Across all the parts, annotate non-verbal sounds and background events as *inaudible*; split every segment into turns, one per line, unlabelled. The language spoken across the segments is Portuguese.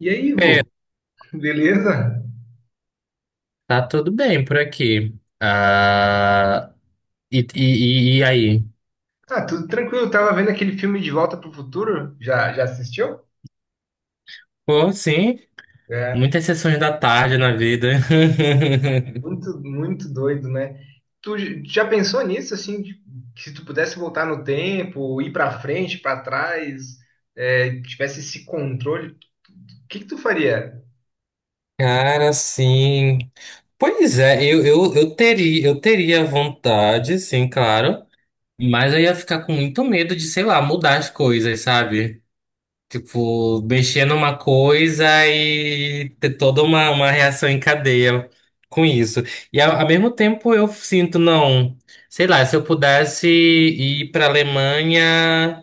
E aí,
É,
Vô? *laughs* Beleza?
tá tudo bem por aqui. Ah, e, e, e aí?
Ah, tudo tranquilo. Tava vendo aquele filme De Volta pro Futuro. Já assistiu?
Pô, sim,
É,
muitas sessões da tarde na vida. *laughs*
muito, muito doido, né? Tu já pensou nisso, assim, que se tu pudesse voltar no tempo, ir pra frente, pra trás, é, tivesse esse controle, o que que tu faria?
Cara, sim. Pois é, eu teria vontade, sim, claro. Mas eu ia ficar com muito medo de, sei lá, mudar as coisas, sabe? Tipo, mexer numa coisa e ter toda uma reação em cadeia com isso. E ao mesmo tempo eu sinto, não, sei lá, se eu pudesse ir para Alemanha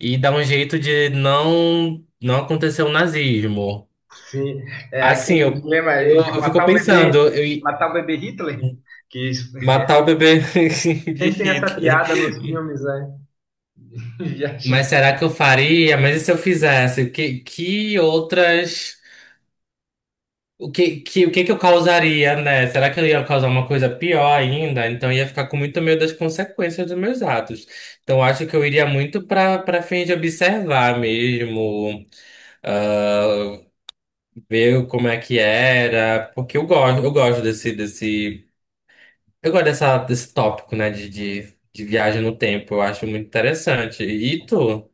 e dar um jeito de não acontecer o nazismo.
Sim, é
Assim,
aquele
eu,
dilema
eu,
de
eu fico pensando,
matar o bebê Hitler, que isso-
matar o bebê *laughs*
*laughs*
de
sempre tem essa
Hitler.
piada nos filmes, né? *laughs* Viagem.
Mas será que eu faria? Mas e se eu fizesse? Que outras. O que que eu causaria, né? Será que eu ia causar uma coisa pior ainda? Então eu ia ficar com muito medo das consequências dos meus atos. Então eu acho que eu iria muito para fim de observar mesmo, ah, ver como é que era, porque eu gosto desse tópico, né? De viagem no tempo. Eu acho muito interessante. E tu?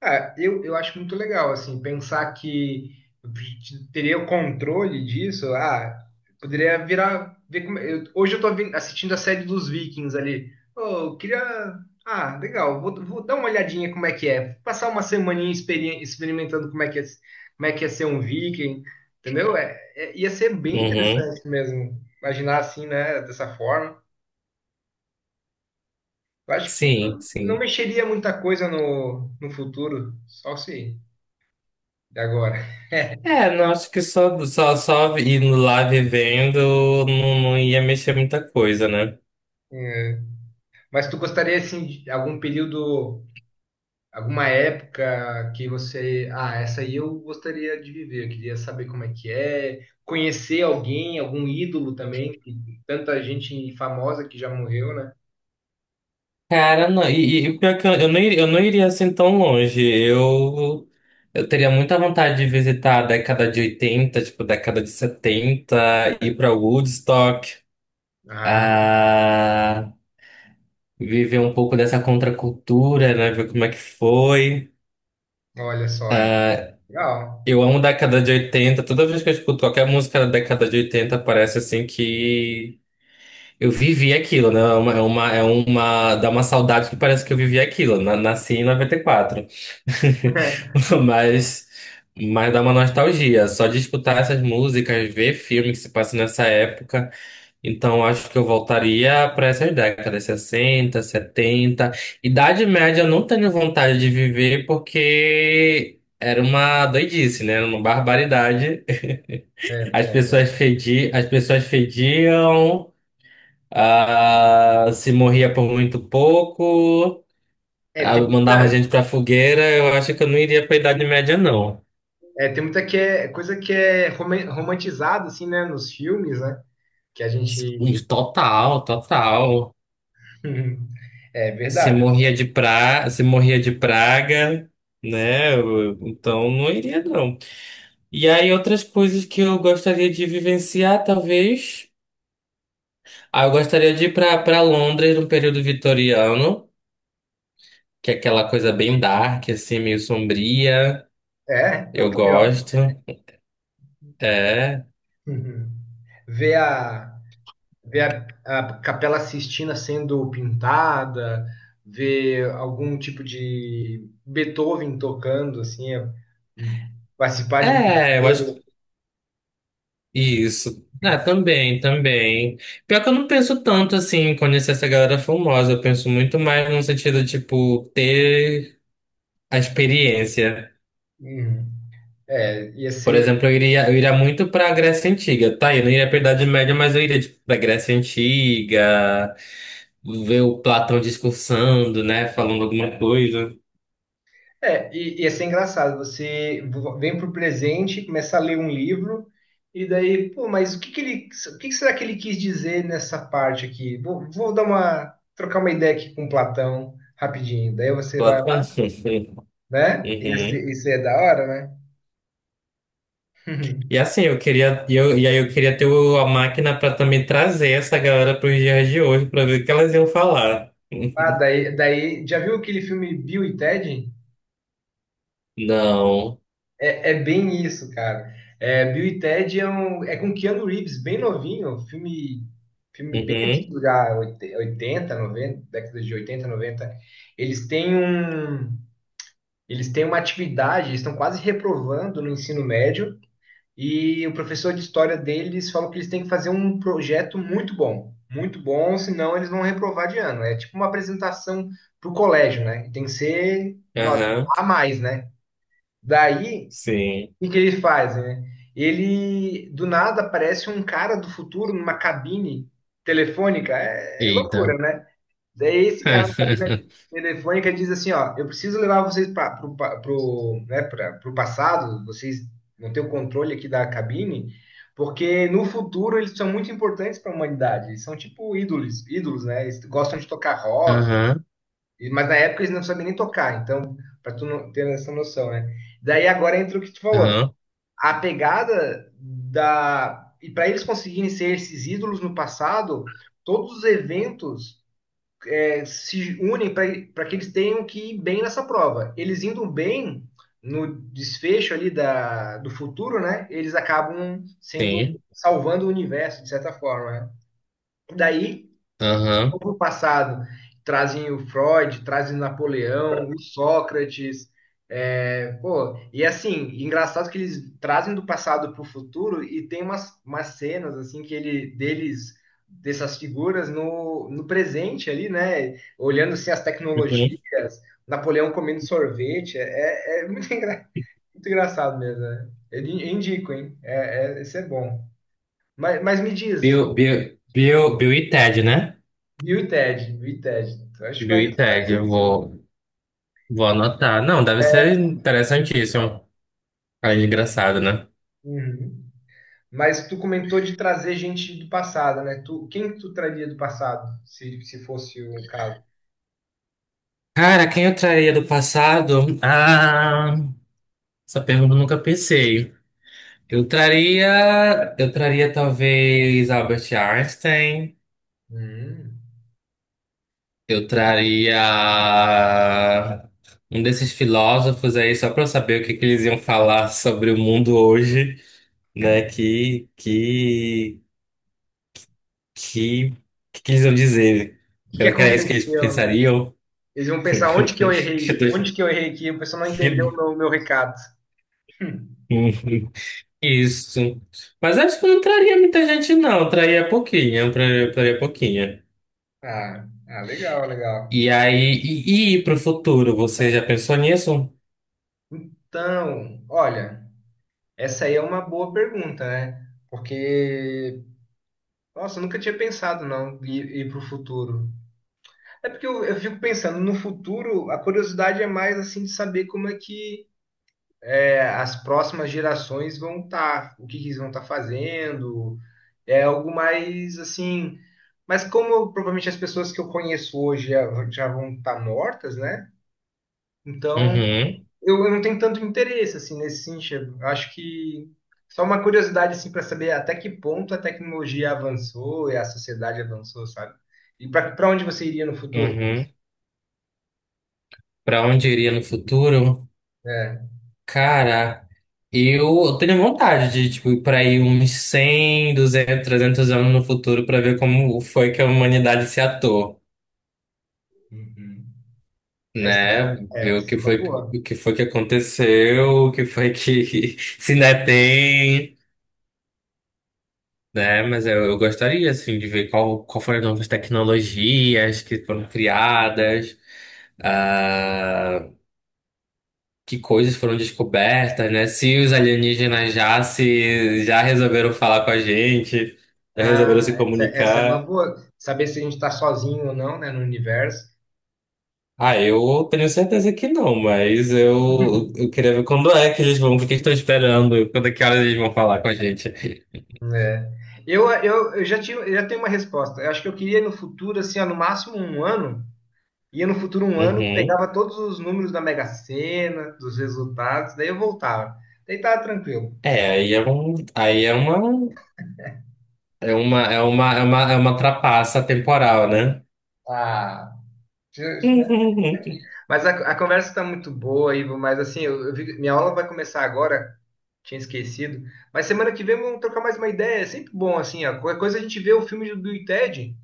Ah, eu acho muito legal, assim, pensar que eu teria o controle disso, ah, poderia virar, ver como, hoje eu tô assistindo a série dos Vikings ali, oh, eu queria, ah, legal, vou dar uma olhadinha como é que é, passar uma semaninha experimentando como é que é, como é que é ser um Viking, entendeu? É, ia ser bem
Uhum.
interessante mesmo, imaginar assim, né, dessa forma. Eu acho que
Sim,
não
sim.
mexeria muita coisa no futuro, só se de agora.
É, não, acho que só indo lá vivendo não ia mexer muita coisa, né?
Mas tu gostaria, assim, de algum período, alguma época que você. Ah, essa aí eu gostaria de viver, eu queria saber como é que é, conhecer alguém, algum ídolo também, que tanta gente famosa que já morreu, né?
Cara, não, e pior é que eu não iria assim tão longe. Eu teria muita vontade de visitar a década de 80, tipo, década de 70 ir pra Woodstock,
Ah,
ah, viver um pouco dessa contracultura, né? Ver como é que foi.
olha só, é. Legal.
Eu amo década de 80. Toda vez que eu escuto qualquer música da década de 80 parece assim que. Eu vivi aquilo, né? Dá uma saudade que parece que eu vivi aquilo. Nasci em noventa e quatro. *laughs*
*laughs*
Mas, mas dá uma nostalgia. Só de escutar essas músicas, ver filme que se passa nessa época. Então acho que eu voltaria para essas décadas, 60, 70. Idade Média eu não tenho vontade de viver porque era uma doidice, né? Era uma barbaridade.
É,
*laughs*
é,
As pessoas fediam. Ah, se morria por muito pouco,
É,
ah, mandava gente pra fogueira, eu acho que eu não iria pra Idade Média, não.
tem muita que é, coisa que é romantizada, assim, né, nos filmes, né? Que a gente.
Total, total.
*laughs* É verdade.
Se morria de praga, né? Então não iria, não. E aí, outras coisas que eu gostaria de vivenciar, talvez. Ah, eu gostaria de ir pra Londres no período vitoriano, que é aquela coisa bem dark, assim, meio sombria.
É, é o
Eu
que é legal.
gosto. É.
*laughs* Ver a. ver a Capela Sistina sendo pintada, ver algum tipo de Beethoven tocando, assim, é, participar de um.
É, eu acho isso. Ah, também, também. Pior que eu não penso tanto assim em conhecer essa galera famosa. Eu penso muito mais no sentido, tipo, ter a experiência.
Uhum. É, ia
Por
ser,
exemplo, eu iria muito pra Grécia Antiga. Tá, eu não iria pra Idade Média, mas eu iria, tipo, pra Grécia Antiga, ver o Platão discursando, né? Falando alguma coisa.
ia ser engraçado. Você vem pro presente, começa a ler um livro, e daí, pô, mas o que que será que ele quis dizer nessa parte aqui? Vou trocar uma ideia aqui com Platão rapidinho. Daí você vai
Platão.
lá,
*laughs*
né? Isso,
Uhum.
isso é da hora, né? *laughs*
E assim, eu queria, e eu, e aí eu queria ter a máquina para também trazer essa galera para os dias de hoje, para ver o que elas iam falar.
Ah,
*laughs*
daí, já viu aquele filme Bill e Ted?
Não.
É bem isso, cara. É, Bill e Ted é, um, é com Keanu Reeves, bem novinho, um filme bem
Uhum.
antigo já, 80 90 décadas de 80 90. Eles têm um, eles têm uma atividade, eles estão quase reprovando no ensino médio. E o professor de história deles falou que eles têm que fazer um projeto muito bom, senão eles vão reprovar de ano. É tipo uma apresentação para o colégio, né? Tem que ser nota
Aham.
a mais, né? Daí,
Sim.
o que que ele faz, né? Ele, do nada, aparece um cara do futuro numa cabine telefônica. É, é
Eita.
loucura, né? Daí esse cara na cabina
*laughs*
telefônica diz assim, ó, eu preciso levar vocês para pro, pa- pro, né, pra, pro passado, vocês não têm o controle aqui da cabine, porque no futuro eles são muito importantes para a humanidade, eles são tipo ídolos, ídolos, né? Eles gostam de tocar rock,
Aham.
mas na época eles não sabiam nem tocar, então, para tu não ter essa noção, né? Daí agora entra o que tu falou,
Aham.
a pegada da... E para eles conseguirem ser esses ídolos no passado, todos os eventos se unem para que eles tenham que ir bem nessa prova. Eles indo bem no desfecho ali do futuro, né? Eles acabam sendo
Sim.
salvando o universo de certa forma. Né? Daí vão
Aham.
para o passado, trazem o Freud, trazem Napoleão, o Sócrates. É, pô, e assim, engraçado que eles trazem do passado para o futuro e tem umas, cenas assim que ele deles dessas figuras no presente ali, né? Olhando assim as
Uhum.
tecnologias, Napoleão comendo sorvete, é, é muito, muito engraçado mesmo. Né? Eu indico, hein? É, esse é bom. Mas me diz,
Bill e Ted, né?
e o Ted? E o Ted? Eu acho que
Bill
vai,
e
você vai
Ted, eu
curtir.
vou, vou anotar. Não, deve ser interessantíssimo. Ah, engraçado, né?
Uhum. Mas tu comentou de trazer gente do passado, né? Quem que tu traria do passado, se fosse o caso?
Cara, quem eu traria do passado? Ah, essa pergunta eu nunca pensei. Eu traria talvez Albert Einstein,
Hum,
eu
muito bom. O
traria um desses filósofos aí só para eu saber o que que eles iam falar sobre o mundo hoje, né? Que que que eles iam dizer?
que que
Será que era isso que eles
aconteceu, né?
pensariam?
Eles vão pensar onde que eu
*laughs* Que
errei, onde
doido.
que eu errei aqui, o pessoal não entendeu
Que-
o meu recado. *laughs*
Uhum. *laughs* Isso. Mas acho que eu não traria muita gente, não. Eu traria pouquinha, eu traria pouquinha.
Ah, ah, legal, legal.
E aí, para futuro, você já pensou nisso?
Então, olha, essa aí é uma boa pergunta, né? Porque, nossa, eu nunca tinha pensado não ir para o futuro. É porque eu fico pensando, no futuro, a curiosidade é mais assim de saber como é que é, as próximas gerações vão estar, o que que eles vão estar fazendo. É algo mais assim. Mas como provavelmente as pessoas que eu conheço hoje já, já vão estar mortas, né? Então
Uhum,
eu não tenho tanto interesse assim nesse sentido. Eu acho que só uma curiosidade assim para saber até que ponto a tecnologia avançou e a sociedade avançou, sabe? E para onde você iria no futuro?
uhum. Para onde eu iria no futuro?
É.
Cara, eu tenho vontade de tipo, ir para aí uns 100, 200, 300 anos no futuro para ver como foi que a humanidade se atou,
Uhum. Essa
né? Ver
é uma boa.
o que foi que aconteceu, o que foi que *laughs* se ainda tem. Né? Mas eu gostaria, assim, de ver qual foram as novas tecnologias que foram criadas, ah, que coisas foram descobertas, né? Se os alienígenas já se, já resolveram falar com a gente, já resolveram se
Ah, essa é uma
comunicar.
boa. Saber se a gente está sozinho ou não, né, no universo.
Ah, eu tenho certeza que não, mas eu
*laughs*
queria ver quando é que eles vão, o que estão esperando, quando é que horas eles vão falar com a gente.
É. Eu já tenho uma resposta. Eu acho que eu queria no futuro, assim, ó, no máximo um ano. Ia no futuro um ano,
Uhum.
pegava todos os números da Mega Sena, dos resultados, daí eu voltava. Daí tava tranquilo.
É, aí é uma trapaça temporal, né?
Ah,
*laughs*
mas a conversa está muito boa, Ivo, mas assim, minha aula vai começar agora, tinha esquecido. Mas semana que vem vamos trocar mais uma ideia, é sempre bom, assim, ó, qualquer coisa a gente vê o filme do Bill e Ted,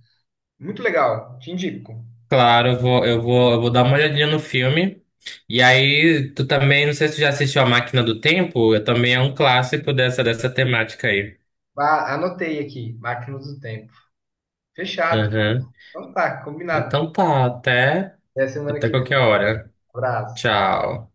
muito legal, te indico.
Claro, eu vou dar uma olhadinha no filme. E aí, tu também, não sei se tu já assistiu A Máquina do Tempo, eu também é um clássico dessa temática aí.
Ah, anotei aqui, Máquinas do Tempo. Fechado.
Uhum.
Então tá, combinado.
Então tá, até,
Até semana
até
que
qualquer
vem.
hora.
Abraço.
Tchau.